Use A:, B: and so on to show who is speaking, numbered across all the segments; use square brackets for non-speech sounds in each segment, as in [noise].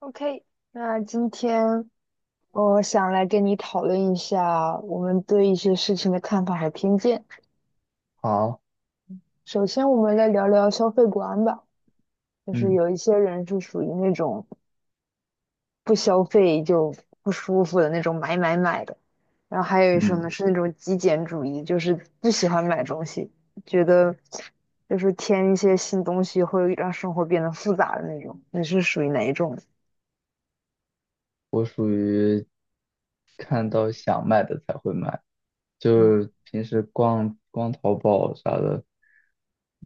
A: OK，那今天我想来跟你讨论一下我们对一些事情的看法和偏见。
B: 好，
A: 首先，我们来聊聊消费观吧，就是
B: 嗯
A: 有一些人是属于那种不消费就不舒服的那种买买买的，然后还有一种呢
B: 嗯，
A: 是那种极简主义，就是不喜欢买东西，觉得就是添一些新东西会让生活变得复杂的那种。你是属于哪一种？
B: 我属于看到想买的才会买，
A: 嗯
B: 就是平时逛逛淘宝啥的，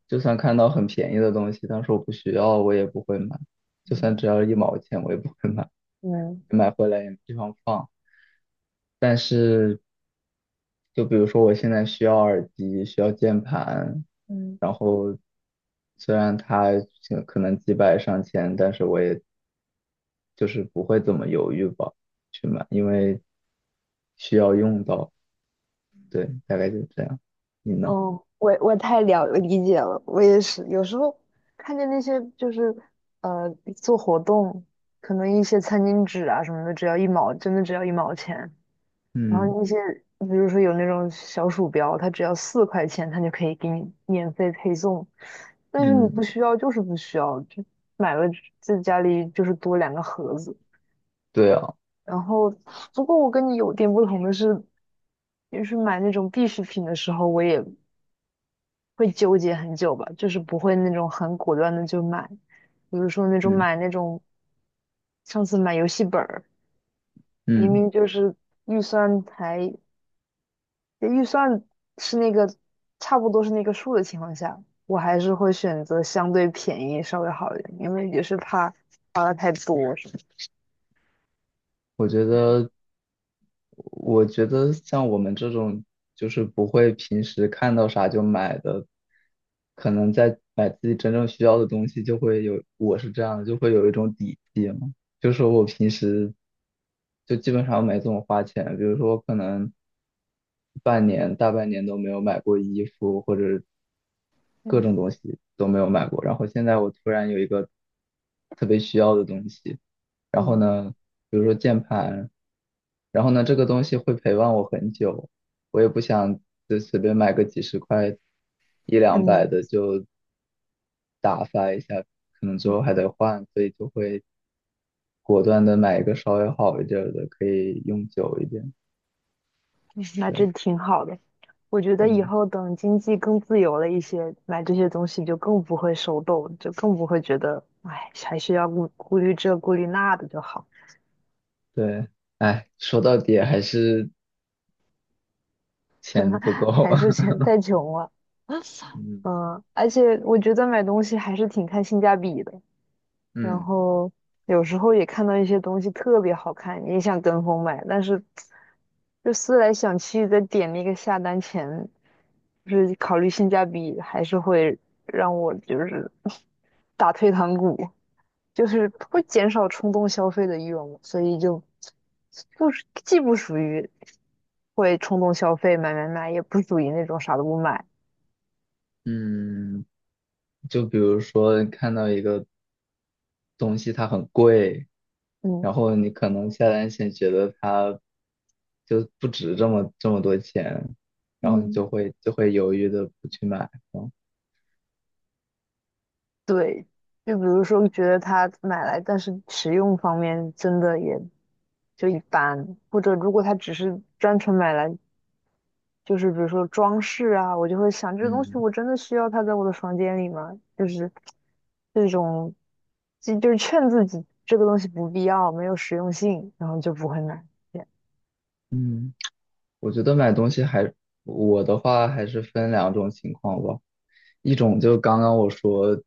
B: 就算看到很便宜的东西，但是我不需要，我也不会买。就算
A: 嗯
B: 只要1毛钱，我也不会
A: 嗯。
B: 买回来，也没地方放。但是就比如说我现在需要耳机，需要键盘，
A: 嗯。
B: 然后虽然它可能几百上千，但是我也就是不会怎么犹豫吧，去买，因为需要用到。对，大概就这样。你呢？
A: 哦，我太了理解了，我也是。有时候看见那些就是呃做活动，可能一些餐巾纸啊什么的，只要一毛，真的只要一毛钱。然后
B: 嗯
A: 那些比如说有那种小鼠标，它只要4块钱，它就可以给你免费配送。但是你
B: 嗯，
A: 不需要就是不需要，就买了在家里就是多2个盒子。
B: 对啊，
A: 然后不过我跟你有点不同的是，就是买那种必需品的时候，我也会纠结很久吧，就是不会那种很果断的就买，比如说那种
B: 嗯
A: 买那种上次买游戏本儿，明
B: 嗯。
A: 明就是预算才预算是那个差不多是那个数的情况下，我还是会选择相对便宜稍微好一点，因为也是怕花的太多什么
B: 我觉得，
A: 嗯
B: 我觉得,像我们这种就是不会平时看到啥就买的，可能在买自己真正需要的东西，就会有，我是这样的，就会有一种底气嘛。就是我平时就基本上没怎么花钱，比如说可能半年、大半年都没有买过衣服，或者各
A: 嗯
B: 种东西都没有买过。然后现在我突然有一个特别需要的东西，然后
A: 嗯，
B: 呢，比如说键盘，然后呢，这个东西会陪伴我很久，我也不想就随便买个几十块、一两
A: 嗯
B: 百
A: 嗯，
B: 的就打发一下，可能之后还
A: 嗯
B: 得换，所以就会果断的买一个稍微好一点儿的，可以用久一点。
A: 那
B: 对，
A: 真挺好的。我觉得以
B: 嗯，
A: 后等经济更自由了一些，买这些东西就更不会手抖，就更不会觉得，哎，还是要顾虑这顾虑那的就好，
B: 对，哎，说到底还是钱不
A: [laughs]
B: 够
A: 还是钱
B: [laughs]
A: 太穷了。
B: 嗯
A: 嗯，而且我觉得买东西还是挺看性价比的。然
B: 嗯
A: 后有时候也看到一些东西特别好看，你也想跟风买，但是就思来想去，在点那个下单前，就是考虑性价比，还是会让我就是 [laughs] 打退堂鼓，就是会减少冲动消费的欲望嘛，所以就不是既不属于会冲动消费买买买，也不属于那种啥都不买，
B: 嗯，就比如说你看到一个东西它很贵，
A: 嗯。
B: 然后你可能下单前觉得它就不值这么多钱，然后你
A: 嗯。
B: 就会犹豫的不去买。嗯
A: 对，就比如说觉得它买来，但是使用方面真的也就一般，或者如果它只是单纯买来，就是比如说装饰啊，我就会想这个东西
B: 嗯，
A: 我真的需要它在我的房间里吗？就是这种，就是劝自己这个东西不必要，没有实用性，然后就不会买。这样
B: 嗯。我觉得买东西还，我的话还是分两种情况吧。一种就刚刚我说，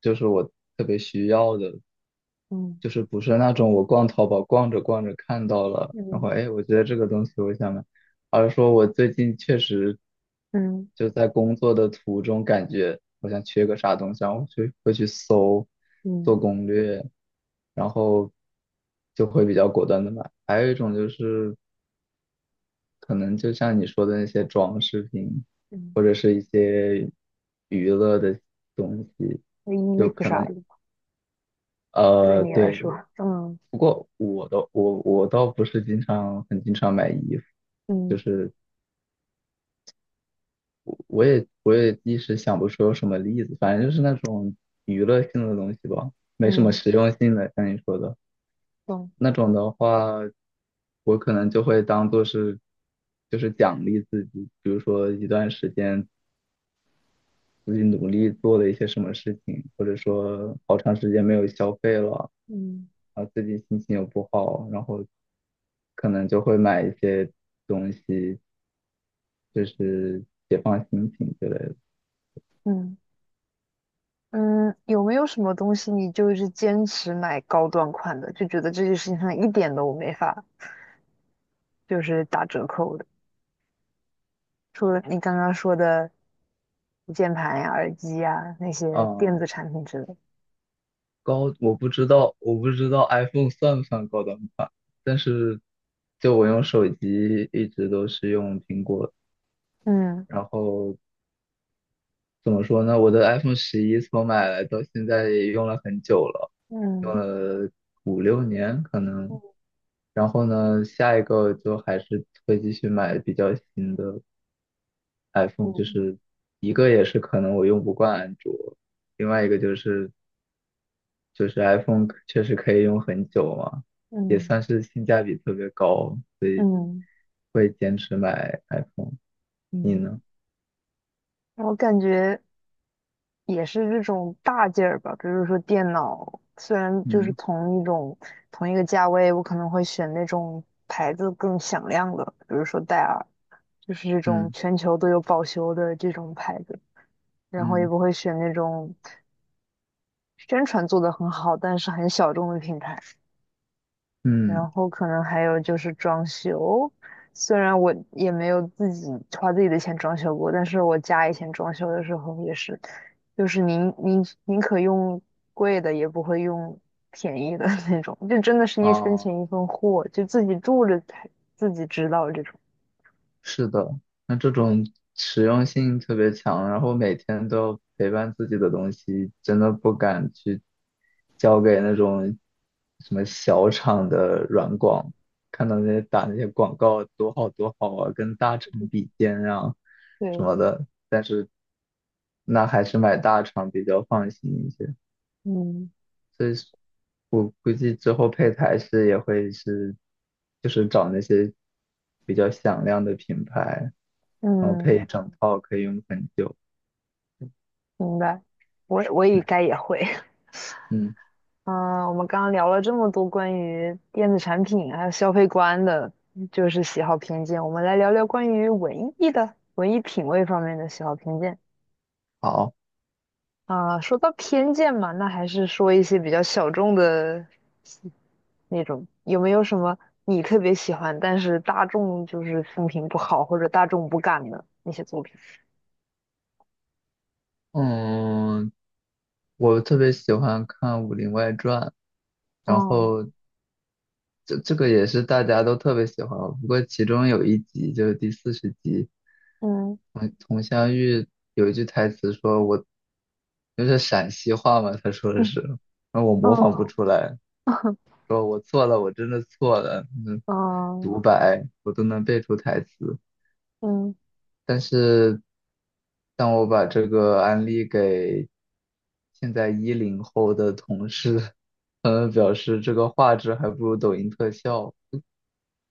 B: 就是我特别需要的，
A: 嗯
B: 就是不是那种我逛淘宝逛着逛着看到了，然后
A: 嗯
B: 哎，我觉得这个东西我想买，而是说我最近确实
A: 嗯
B: 就在工作的途中感觉好像缺个啥东西，然后去会去搜，
A: 嗯
B: 做攻略，然后就会比较果断的买。还有一种就是可能就像你说的那些装饰品，
A: 嗯，
B: 或者是一些娱乐的东西，
A: 那衣
B: 就
A: 服
B: 可
A: 啥
B: 能
A: 的，对你来
B: 对。
A: 说，嗯
B: 不过我倒不是经常很经常买衣服，就
A: 嗯
B: 是我也一时想不出有什么例子，反正就是那种娱乐性的东西吧，没什么
A: 嗯，
B: 实用性的，像你说的
A: 懂，
B: 那种的话，我可能就会当做是就是奖励自己，比如说一段时间自己努力做的一些什么事情，或者说好长时间没有消费了。
A: 嗯
B: 啊，最近心情又不好，然后可能就会买一些东西，就是解放心情之类的。
A: 嗯。嗯，有没有什么东西你就是坚持买高端款的，就觉得这件事情上一点都没法就是打折扣的？除了你刚刚说的键盘呀、耳机呀那些
B: 啊，
A: 电子产品之类的。
B: 高，我不知道，我不知道 iPhone 算不算高端款，但是就我用手机一直都是用苹果，
A: 嗯
B: 然后怎么说呢？我的 iPhone 11从买来到现在也用了很久了，用
A: 嗯
B: 了5、6年可能。
A: 嗯
B: 然后呢，下一个就还是会继续买比较新的 iPhone,就
A: 嗯
B: 是一个也是可能我用不惯安卓，另外一个就是 iPhone 确实可以用很久嘛，也
A: 嗯
B: 算是性价比特别高，所以
A: 嗯
B: 会坚持买 iPhone。你
A: 嗯，
B: 呢？
A: 我感觉。也是这种大件儿吧，比如说电脑，虽然就是
B: 嗯
A: 同一种同一个价位，我可能会选那种牌子更响亮的，比如说戴尔，就是这种
B: 嗯
A: 全球都有保修的这种牌子，然后也
B: 嗯
A: 不会选那种宣传做得很好，但是很小众的品牌。
B: 嗯，
A: 然后可能还有就是装修，虽然我也没有自己花自己的钱装修过，但是我家以前装修的时候也是，就是宁可用贵的，也不会用便宜的 [laughs] 那种，就真的是一分
B: 哦。
A: 钱一分货，就自己住着才自己知道这种。
B: 是的。那这种实用性特别强，然后每天都要陪伴自己的东西，真的不敢去交给那种什么小厂的软广，看到那些打那些广告多好多好啊，跟大厂比肩啊什
A: 对，
B: 么的。那还是买大厂比较放心一些。
A: 嗯
B: 所以是我估计之后配台式也会是，就是找那些比较响亮的品牌。然后
A: 嗯，
B: 配一整套可以用很久。
A: 明白，我也
B: 嗯
A: 该也会。
B: 嗯，
A: 嗯，我们刚刚聊了这么多关于电子产品还有消费观的，就是喜好偏见。我们来聊聊关于文艺品味方面的喜好偏见。
B: 好，
A: 啊、说到偏见嘛，那还是说一些比较小众的那种。有没有什么你特别喜欢，但是大众就是风评不好或者大众不敢的那些作品？
B: 嗯，我特别喜欢看《武林外传》。然
A: 哦，
B: 后这个也是大家都特别喜欢，不过其中有一集就是第40集，
A: 嗯
B: 佟湘玉有一句台词说我。就是陕西话嘛，他说的
A: 嗯
B: 是，那我模仿不
A: 嗯
B: 出来，
A: [laughs]
B: 说我错了，我真的错了，嗯，
A: 嗯
B: 独白我都能背出台词。
A: 嗯，
B: 但是当我把这个案例给现在10后的同事，他们表示这个画质还不如抖音特效。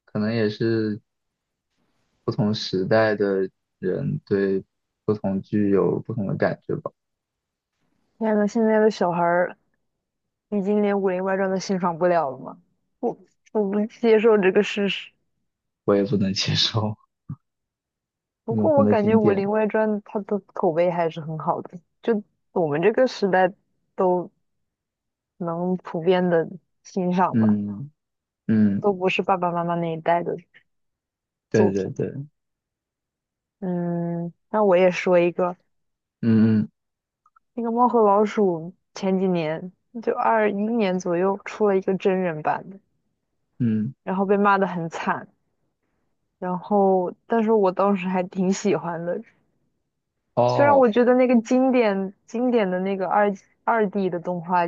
B: 可能也是不同时代的人对不同剧有不同的感觉吧，
A: 天呐，现在的小孩儿已经连《武林外传》都欣赏不了了吗？我我不接受这个事实。
B: 我也不能接受 [laughs]
A: 不
B: 永
A: 过我
B: 恒的
A: 感觉
B: 经
A: 《武
B: 典。
A: 林外传》它的口碑还是很好的，就我们这个时代都能普遍的欣赏吧，
B: 嗯嗯，
A: 都不是爸爸妈妈那一代的作
B: 对对
A: 品。
B: 对，
A: 嗯，那我也说一个，
B: 嗯嗯
A: 那个《猫和老鼠》前几年就21年左右出了一个真人版的，
B: 嗯，
A: 然后被骂得很惨。然后，但是我当时还挺喜欢的，虽然
B: 哦，
A: 我觉得那个经典的那个二 D 的动画，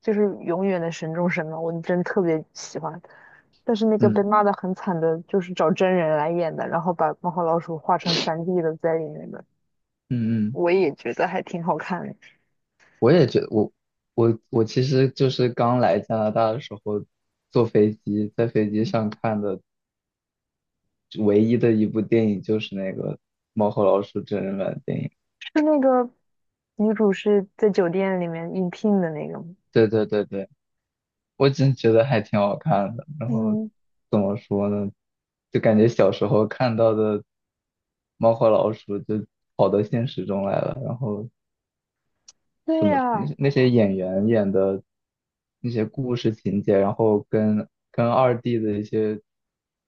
A: 就是永远的神中神嘛，我真特别喜欢。但是那个被
B: 嗯
A: 骂的很惨的，就是找真人来演的，然后把猫和老鼠画成三 d 的在里面的，
B: 嗯嗯。
A: 我也觉得还挺好看的。
B: 我也觉得我其实就是刚来加拿大的时候，坐飞机在飞机上看的唯一的一部电影就是那个《猫和老鼠》真人版电影。
A: 是那个女主是在酒店里面应聘的那个吗？
B: 对对对对，我真觉得还挺好看的。然后
A: 嗯，
B: 怎么说呢，就感觉小时候看到的猫和老鼠就跑到现实中来了，然后怎
A: 对
B: 么那
A: 呀、
B: 些那些演员演的那些故事情节，然后跟2D 的一些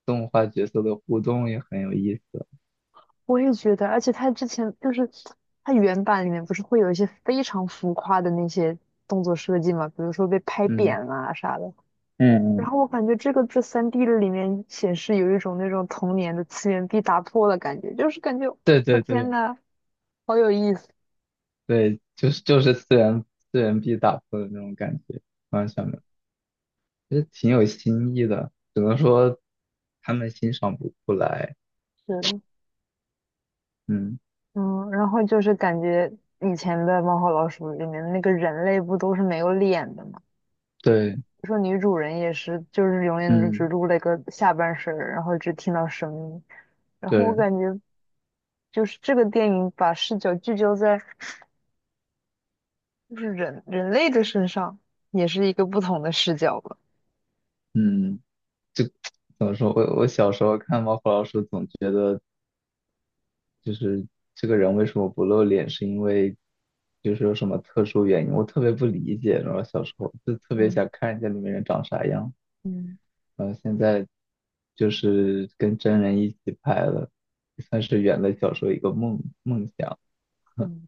B: 动画角色的互动也很有意思。
A: 我也觉得，而且他之前就是他原版里面不是会有一些非常浮夸的那些动作设计嘛，比如说被拍
B: 嗯，
A: 扁啊啥的。
B: 嗯
A: 然
B: 嗯，
A: 后我感觉这个在三 d 的里面显示有一种那种童年的次元壁打破的感觉，就是感觉
B: 对
A: 我
B: 对
A: 天
B: 对
A: 呐，好有意思。
B: 对，就是四元壁打破的那种感觉，完全的，有，其实挺有新意的，只能说他们欣赏不出来。
A: 是
B: 嗯，
A: 嗯，然后就是感觉以前的《猫和老鼠》里面的那个人类不都是没有脸的嘛，
B: 对，
A: 说女主人也是，就是永远就只
B: 嗯
A: 录了一个下半身儿然后只听到声音。然后我
B: 对，
A: 感觉就是这个电影把视角聚焦在就是人类的身上，也是一个不同的视角吧。
B: 嗯，就 [tsk] 怎么说，我小时候看《猫和老鼠》，总觉得。就是这个人为什么不露脸，是因为就是有什么特殊原因，我特别不理解。然后小时候就特别
A: 嗯
B: 想看一下里面人长啥样，
A: 嗯
B: 然后现在就是跟真人一起拍了，算是圆了小时候一个梦想。
A: 嗯。